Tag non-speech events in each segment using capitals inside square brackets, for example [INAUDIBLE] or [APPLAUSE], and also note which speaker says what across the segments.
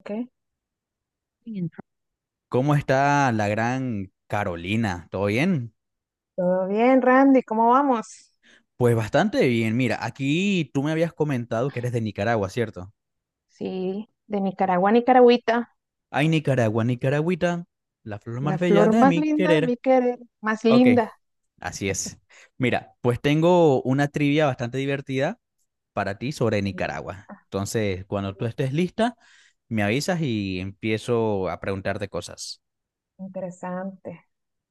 Speaker 1: Ok. Bien.
Speaker 2: ¿Cómo está la gran Carolina? ¿Todo bien?
Speaker 1: Todo bien, Randy, ¿cómo vamos?
Speaker 2: Pues bastante bien. Mira, aquí tú me habías comentado que eres de Nicaragua, ¿cierto?
Speaker 1: Sí, de Nicaragua a Nicaragüita,
Speaker 2: Ay, Nicaragua, Nicaragüita, la flor más
Speaker 1: la
Speaker 2: bella
Speaker 1: flor
Speaker 2: de
Speaker 1: más
Speaker 2: mi
Speaker 1: linda de
Speaker 2: querer.
Speaker 1: mi querer, más
Speaker 2: Ok,
Speaker 1: linda.
Speaker 2: así es. Mira, pues tengo una trivia bastante divertida para ti sobre
Speaker 1: Sí.
Speaker 2: Nicaragua.
Speaker 1: Ah,
Speaker 2: Entonces, cuando tú
Speaker 1: bueno.
Speaker 2: estés lista, me avisas y empiezo a preguntarte cosas.
Speaker 1: Interesante.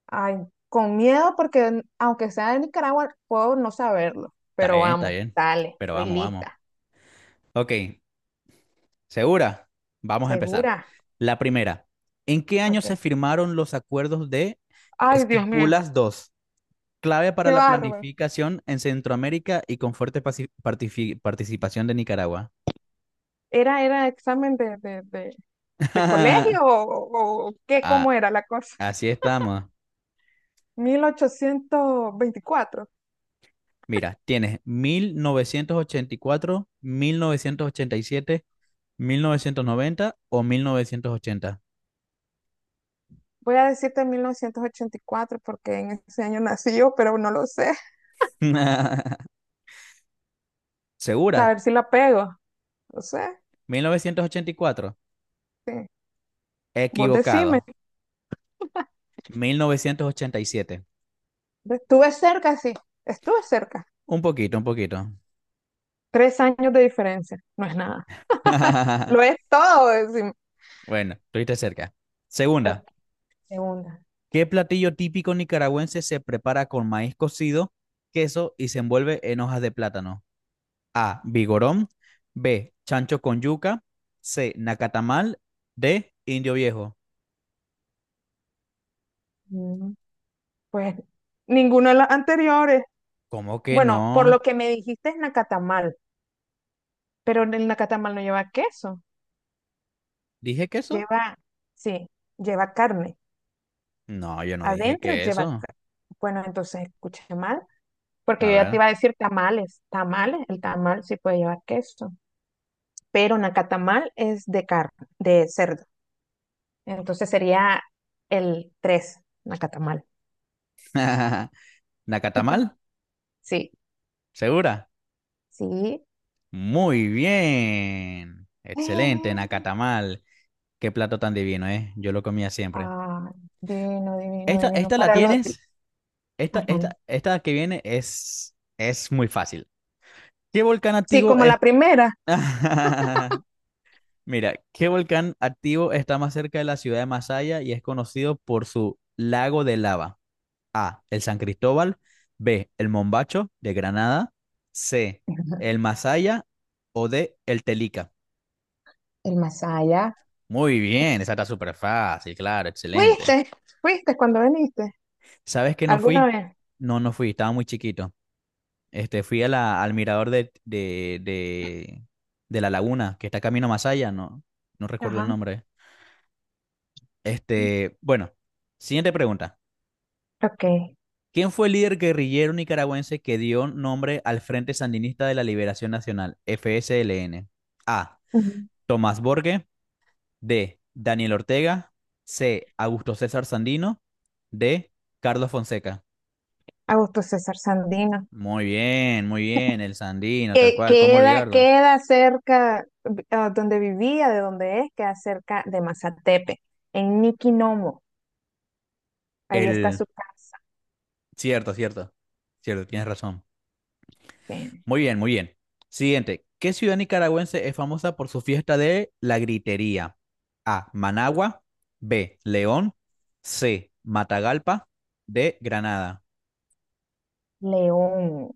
Speaker 1: Ay, con miedo porque aunque sea de Nicaragua, puedo no saberlo,
Speaker 2: Está
Speaker 1: pero
Speaker 2: bien, está
Speaker 1: vamos,
Speaker 2: bien.
Speaker 1: dale,
Speaker 2: Pero
Speaker 1: estoy
Speaker 2: vamos, vamos.
Speaker 1: lista.
Speaker 2: Ok, ¿segura? Vamos a empezar.
Speaker 1: ¿Segura?
Speaker 2: La primera, ¿en qué año
Speaker 1: Ok.
Speaker 2: se firmaron los acuerdos de
Speaker 1: Ay, Dios mío,
Speaker 2: Esquipulas II, clave para
Speaker 1: qué
Speaker 2: la
Speaker 1: bárbaro.
Speaker 2: planificación en Centroamérica y con fuerte participación de Nicaragua?
Speaker 1: ¿Era examen de de,
Speaker 2: [LAUGHS]
Speaker 1: colegio o qué,
Speaker 2: Ah,
Speaker 1: ¿cómo era la cosa?
Speaker 2: así estamos.
Speaker 1: 1824.
Speaker 2: Mira, tienes mil novecientos ochenta y cuatro, 1987, 1990 o 1980.
Speaker 1: Voy a decirte 1984 porque en ese año nací yo, pero no lo sé.
Speaker 2: [LAUGHS]
Speaker 1: A ver
Speaker 2: ¿Segura?
Speaker 1: si la pego. No sé.
Speaker 2: 1984.
Speaker 1: Sí. Vos decime.
Speaker 2: Equivocado. 1987.
Speaker 1: Estuve cerca, sí. Estuve cerca.
Speaker 2: Un poquito, un poquito.
Speaker 1: Tres años de diferencia. No es nada. Lo es
Speaker 2: [LAUGHS]
Speaker 1: todo, decime.
Speaker 2: Bueno, estuviste cerca. Segunda,
Speaker 1: Ok, segunda.
Speaker 2: ¿qué platillo típico nicaragüense se prepara con maíz cocido, queso y se envuelve en hojas de plátano? A. Vigorón. B. Chancho con yuca. C. Nacatamal. D. Indio viejo.
Speaker 1: Mm, Pues ninguna de las anteriores.
Speaker 2: ¿Cómo que
Speaker 1: Bueno, por lo
Speaker 2: no?
Speaker 1: que me dijiste es nacatamal, pero el nacatamal no lleva queso.
Speaker 2: ¿Dije queso?
Speaker 1: Lleva, sí, lleva carne.
Speaker 2: No, yo no dije
Speaker 1: Adentro lleva
Speaker 2: queso.
Speaker 1: carne. Bueno, entonces escuché mal. Porque
Speaker 2: A
Speaker 1: yo ya te
Speaker 2: ver.
Speaker 1: iba a decir tamales, tamales, el tamal sí puede llevar queso, pero nacatamal es de carne, de cerdo. Entonces sería el tres nacatamal.
Speaker 2: [LAUGHS] ¿Nacatamal?
Speaker 1: Sí,
Speaker 2: ¿Segura?
Speaker 1: sí. [GASPS]
Speaker 2: Muy bien. Excelente,
Speaker 1: Eh,
Speaker 2: nacatamal. Qué plato tan divino, ¿eh? Yo lo comía siempre.
Speaker 1: ah, divino, divino,
Speaker 2: Esta,
Speaker 1: divino.
Speaker 2: esta la
Speaker 1: Para los...
Speaker 2: tienes. Esta,
Speaker 1: Ajá.
Speaker 2: esta, esta que viene es muy fácil. ¿Qué volcán
Speaker 1: Sí,
Speaker 2: activo
Speaker 1: como
Speaker 2: es?
Speaker 1: la primera,
Speaker 2: [LAUGHS] Mira, ¿qué volcán activo está más cerca de la ciudad de Masaya y es conocido por su lago de lava? A. El San Cristóbal. B. El Mombacho de Granada. C. El Masaya. O D. El Telica.
Speaker 1: el Masaya.
Speaker 2: Muy bien, esa está súper fácil, claro, excelente.
Speaker 1: ¿Fuiste? ¿Fuiste cuando viniste?
Speaker 2: ¿Sabes que no
Speaker 1: ¿Alguna
Speaker 2: fui?
Speaker 1: vez?
Speaker 2: No, no fui, estaba muy chiquito. Fui a al mirador de la laguna, que está camino más allá, no, no recuerdo el
Speaker 1: Ajá.
Speaker 2: nombre. Bueno, siguiente pregunta.
Speaker 1: Ok.
Speaker 2: ¿Quién fue el líder guerrillero nicaragüense que dio nombre al Frente Sandinista de la Liberación Nacional, FSLN? A.
Speaker 1: Ujú.
Speaker 2: Tomás Borge. D. Daniel Ortega. C. Augusto César Sandino. D. Carlos Fonseca.
Speaker 1: Augusto César Sandino.
Speaker 2: Muy bien, el Sandino, tal
Speaker 1: Que
Speaker 2: cual, ¿cómo
Speaker 1: queda,
Speaker 2: olvidarlo?
Speaker 1: queda cerca, ah, donde vivía, de donde es, queda cerca de Mazatepe, en Niquinomo. Ahí está
Speaker 2: El
Speaker 1: su casa,
Speaker 2: Cierto, cierto. Cierto, tienes razón.
Speaker 1: en
Speaker 2: Muy bien, muy bien. Siguiente. ¿Qué ciudad nicaragüense es famosa por su fiesta de la gritería? A. Managua. B. León. C. Matagalpa. D. Granada.
Speaker 1: León.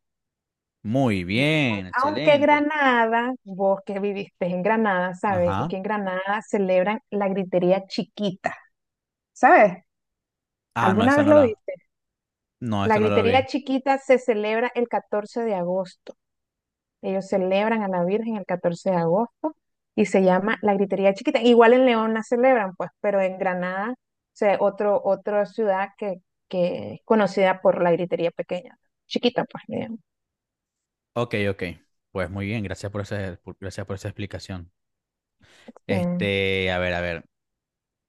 Speaker 2: Muy
Speaker 1: León.
Speaker 2: bien,
Speaker 1: Aunque
Speaker 2: excelente.
Speaker 1: Granada, vos que viviste en Granada, sabes
Speaker 2: Ajá.
Speaker 1: que en Granada celebran la gritería chiquita, ¿sabes?
Speaker 2: Ah, no,
Speaker 1: ¿Alguna
Speaker 2: esta
Speaker 1: vez
Speaker 2: no
Speaker 1: lo
Speaker 2: la.
Speaker 1: viste?
Speaker 2: No, esta
Speaker 1: La
Speaker 2: no la vi.
Speaker 1: gritería chiquita se celebra el 14 de agosto. Ellos celebran a la Virgen el 14 de agosto y se llama la Gritería Chiquita. Igual en León la celebran, pues, pero en Granada, o sea, otra ciudad que es conocida por la Gritería Pequeña, chiquita, pues, digamos,
Speaker 2: Ok, ok. Pues muy bien, gracias gracias por esa explicación.
Speaker 1: eh,
Speaker 2: A ver, a ver.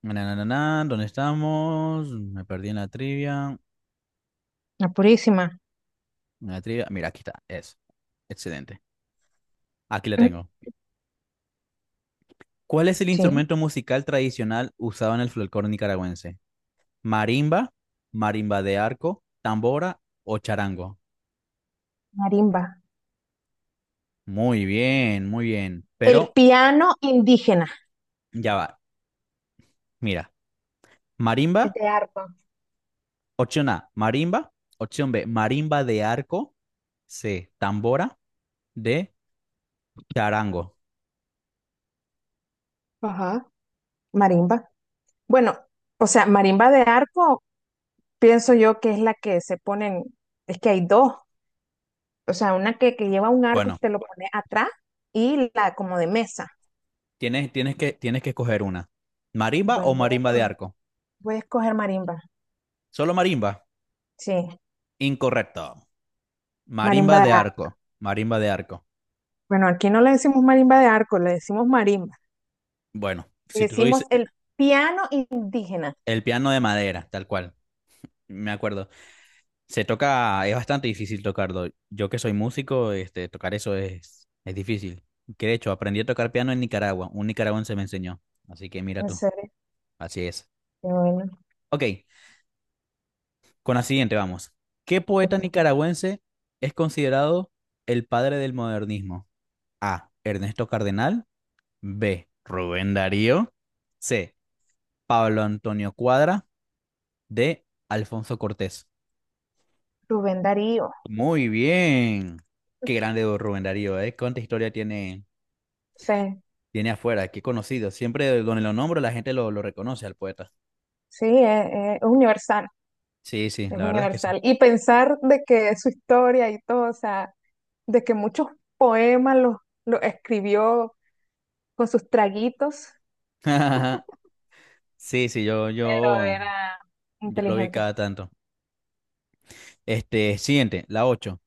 Speaker 2: Na, na, na, na, ¿dónde estamos? Me perdí en la trivia.
Speaker 1: la Purísima.
Speaker 2: Una trivia. Mira, aquí está. Es. Excelente. Aquí la tengo.
Speaker 1: [CLEARS THROAT]
Speaker 2: ¿Cuál es el
Speaker 1: Sí,
Speaker 2: instrumento musical tradicional usado en el folclore nicaragüense? ¿Marimba? ¿Marimba de arco? ¿Tambora o charango?
Speaker 1: marimba.
Speaker 2: Muy bien, muy bien.
Speaker 1: El
Speaker 2: Pero
Speaker 1: piano indígena.
Speaker 2: ya va. Mira.
Speaker 1: Es
Speaker 2: ¿Marimba?
Speaker 1: de arpa.
Speaker 2: Opción A. ¿Marimba? Opción B. ¿Marimba de arco? C. ¿Tambora? D. Charango.
Speaker 1: Ajá. Marimba. Bueno, o sea, marimba de arco, pienso yo que es la que se ponen, es que hay dos. O sea, una que lleva un arco y
Speaker 2: Bueno,
Speaker 1: te lo pone atrás y la como de mesa.
Speaker 2: tienes que escoger una. ¿Marimba o
Speaker 1: Bueno,
Speaker 2: marimba de arco?
Speaker 1: voy a escoger marimba.
Speaker 2: Solo marimba.
Speaker 1: Sí,
Speaker 2: Incorrecto. Marimba
Speaker 1: marimba
Speaker 2: de
Speaker 1: de arco.
Speaker 2: arco, marimba de arco.
Speaker 1: Bueno, aquí no le decimos marimba de arco, le decimos marimba.
Speaker 2: Bueno,
Speaker 1: Le
Speaker 2: si tú lo
Speaker 1: decimos
Speaker 2: dices,
Speaker 1: el piano indígena.
Speaker 2: el piano de madera, tal cual, me acuerdo. Se toca, es bastante difícil tocarlo. Yo que soy músico, tocar eso es difícil. Que de hecho, aprendí a tocar piano en Nicaragua, un nicaragüense me enseñó. Así que mira
Speaker 1: En
Speaker 2: tú,
Speaker 1: serio,
Speaker 2: así es.
Speaker 1: qué bueno.
Speaker 2: Ok, con la siguiente vamos. ¿Qué poeta
Speaker 1: Ok.
Speaker 2: nicaragüense es considerado el padre del modernismo? A. Ernesto Cardenal. B. Rubén Darío. C. Pablo Antonio Cuadra. De Alfonso Cortés.
Speaker 1: Rubén Darío.
Speaker 2: Muy bien. Qué grande don Rubén Darío, ¿eh? ¿Cuánta historia tiene,
Speaker 1: Sí,
Speaker 2: tiene afuera? Qué conocido. Siempre donde lo nombro la gente lo reconoce al poeta.
Speaker 1: sí, es universal,
Speaker 2: Sí, sí,
Speaker 1: es
Speaker 2: la verdad es que sí.
Speaker 1: universal. Y pensar de que su historia y todo, o sea, de que muchos poemas los escribió con sus traguitos,
Speaker 2: [LAUGHS] Sí, sí, yo,
Speaker 1: pero
Speaker 2: yo,
Speaker 1: era
Speaker 2: yo lo vi
Speaker 1: inteligente.
Speaker 2: cada tanto. Siguiente, la 8.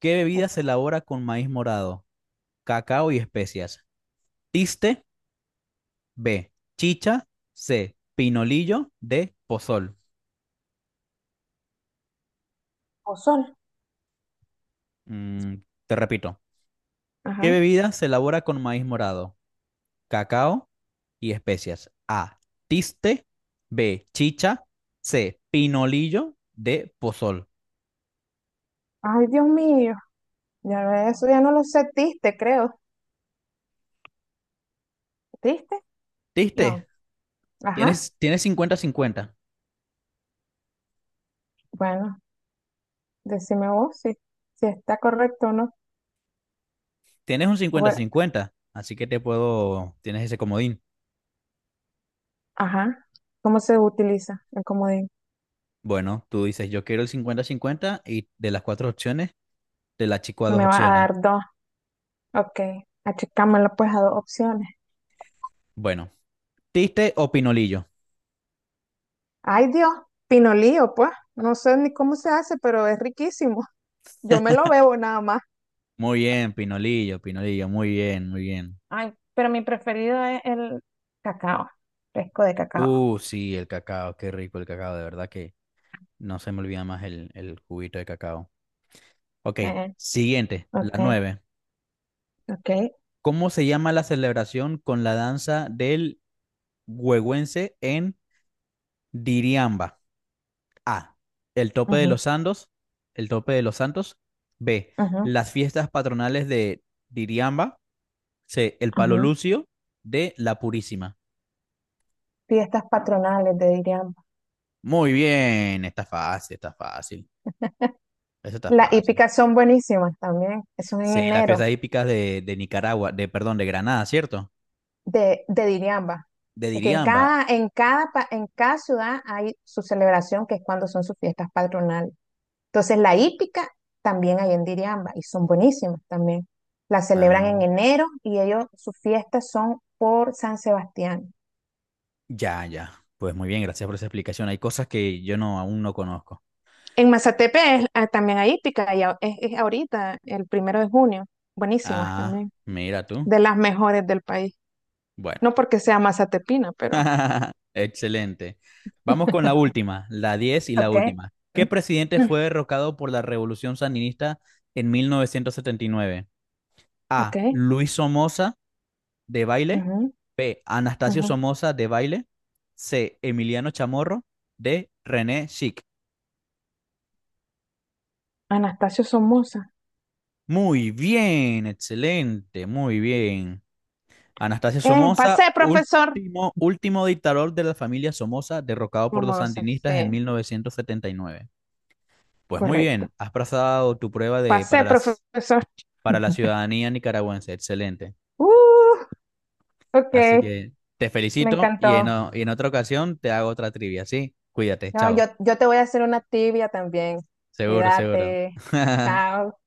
Speaker 2: ¿Qué bebida se
Speaker 1: Ok.
Speaker 2: elabora con maíz morado, cacao y especias? Tiste, B, chicha, C, pinolillo, D, pozol.
Speaker 1: O sol.
Speaker 2: Mm, te repito. ¿Qué
Speaker 1: Ajá.
Speaker 2: bebida se elabora con maíz morado? Cacao y especias. A, tiste. B, chicha. C, pinolillo. D, pozol.
Speaker 1: Ay, Dios mío. Ya Eso ya no lo sé. Tiste, creo. ¿Tiste? No.
Speaker 2: ¿Tiste?
Speaker 1: Ajá.
Speaker 2: Tienes, tienes cincuenta cincuenta
Speaker 1: Bueno, decime vos si, si está correcto o no.
Speaker 2: Tienes un cincuenta
Speaker 1: Bueno,
Speaker 2: cincuenta así que te puedo, tienes ese comodín.
Speaker 1: ajá. ¿Cómo se utiliza el comodín?
Speaker 2: Bueno, tú dices, yo quiero el 50-50 y de las 4 opciones, te la chico a dos
Speaker 1: Me va a
Speaker 2: opciones.
Speaker 1: dar dos. Ok. Achicámelo pues a dos opciones.
Speaker 2: Bueno, ¿tiste o pinolillo?
Speaker 1: Ay, Dios. Pinolío, pues. No sé ni cómo se hace, pero es riquísimo. Yo me lo bebo nada más.
Speaker 2: Muy bien, pinolillo, pinolillo, muy bien, muy bien.
Speaker 1: Ay, pero mi preferido es el cacao, fresco de cacao.
Speaker 2: Sí, el cacao, qué rico el cacao, de verdad que no se me olvida más el juguito de cacao. Ok,
Speaker 1: Eh,
Speaker 2: siguiente, la
Speaker 1: ok,
Speaker 2: nueve.
Speaker 1: ok.
Speaker 2: ¿Cómo se llama la celebración con la danza del huehuense en Diriamba? A. El tope de
Speaker 1: Ujú,
Speaker 2: los santos. El tope de los santos. B.
Speaker 1: ujú,
Speaker 2: Las fiestas patronales de Diriamba. C. El palo
Speaker 1: ujú.
Speaker 2: lucio. D. La purísima.
Speaker 1: Fiestas patronales de Diriamba.
Speaker 2: Muy bien, está fácil, está fácil. Eso está
Speaker 1: Las
Speaker 2: fácil.
Speaker 1: hípicas son buenísimas también. Son en
Speaker 2: Sí, las
Speaker 1: enero
Speaker 2: fiestas hípicas de Nicaragua, de, perdón, de Granada, ¿cierto?
Speaker 1: de Diriamba.
Speaker 2: De
Speaker 1: Es que
Speaker 2: Diriamba.
Speaker 1: en cada ciudad hay su celebración, que es cuando son sus fiestas patronales. Entonces, la hípica también hay en Diriamba y son buenísimas también. La celebran
Speaker 2: Ah,
Speaker 1: en enero y ellos, sus fiestas son por San Sebastián.
Speaker 2: ya, ya. Pues muy bien, gracias por esa explicación. Hay cosas que yo no aún no conozco.
Speaker 1: Ah, también hay hípica es ahorita, el 1 de junio. Buenísimas
Speaker 2: Ah,
Speaker 1: también,
Speaker 2: mira tú.
Speaker 1: de las mejores del país.
Speaker 2: Bueno.
Speaker 1: No porque sea mazatepina, pero...
Speaker 2: [LAUGHS] Excelente. Vamos con la última, la 10 y la
Speaker 1: Okay.
Speaker 2: última. ¿Qué
Speaker 1: [CLEARS THROAT]
Speaker 2: presidente
Speaker 1: Mm,
Speaker 2: fue derrocado por la Revolución Sandinista en 1979?
Speaker 1: ok.
Speaker 2: A. Luis Somoza de Baile.
Speaker 1: Ujú,
Speaker 2: B. Anastasio
Speaker 1: ujú.
Speaker 2: Somoza de Baile. C. Emiliano Chamorro. D. René Schick.
Speaker 1: Anastasio Somoza.
Speaker 2: Muy bien, excelente, muy bien. Anastasio Somoza,
Speaker 1: Pasé, profesor.
Speaker 2: último, último dictador de la familia Somoza, derrocado por los
Speaker 1: Somoza,
Speaker 2: sandinistas en
Speaker 1: sí,
Speaker 2: 1979. Pues muy
Speaker 1: correcto.
Speaker 2: bien, has pasado tu prueba
Speaker 1: Pasé, profesor.
Speaker 2: para la ciudadanía nicaragüense. Excelente.
Speaker 1: Uh, ok,
Speaker 2: Así que te
Speaker 1: me
Speaker 2: felicito y
Speaker 1: encantó.
Speaker 2: y en otra ocasión te hago otra trivia, ¿sí? Cuídate,
Speaker 1: No,
Speaker 2: chao.
Speaker 1: yo te voy a hacer una tibia también.
Speaker 2: Seguro, seguro.
Speaker 1: Cuídate.
Speaker 2: [LAUGHS]
Speaker 1: Chao.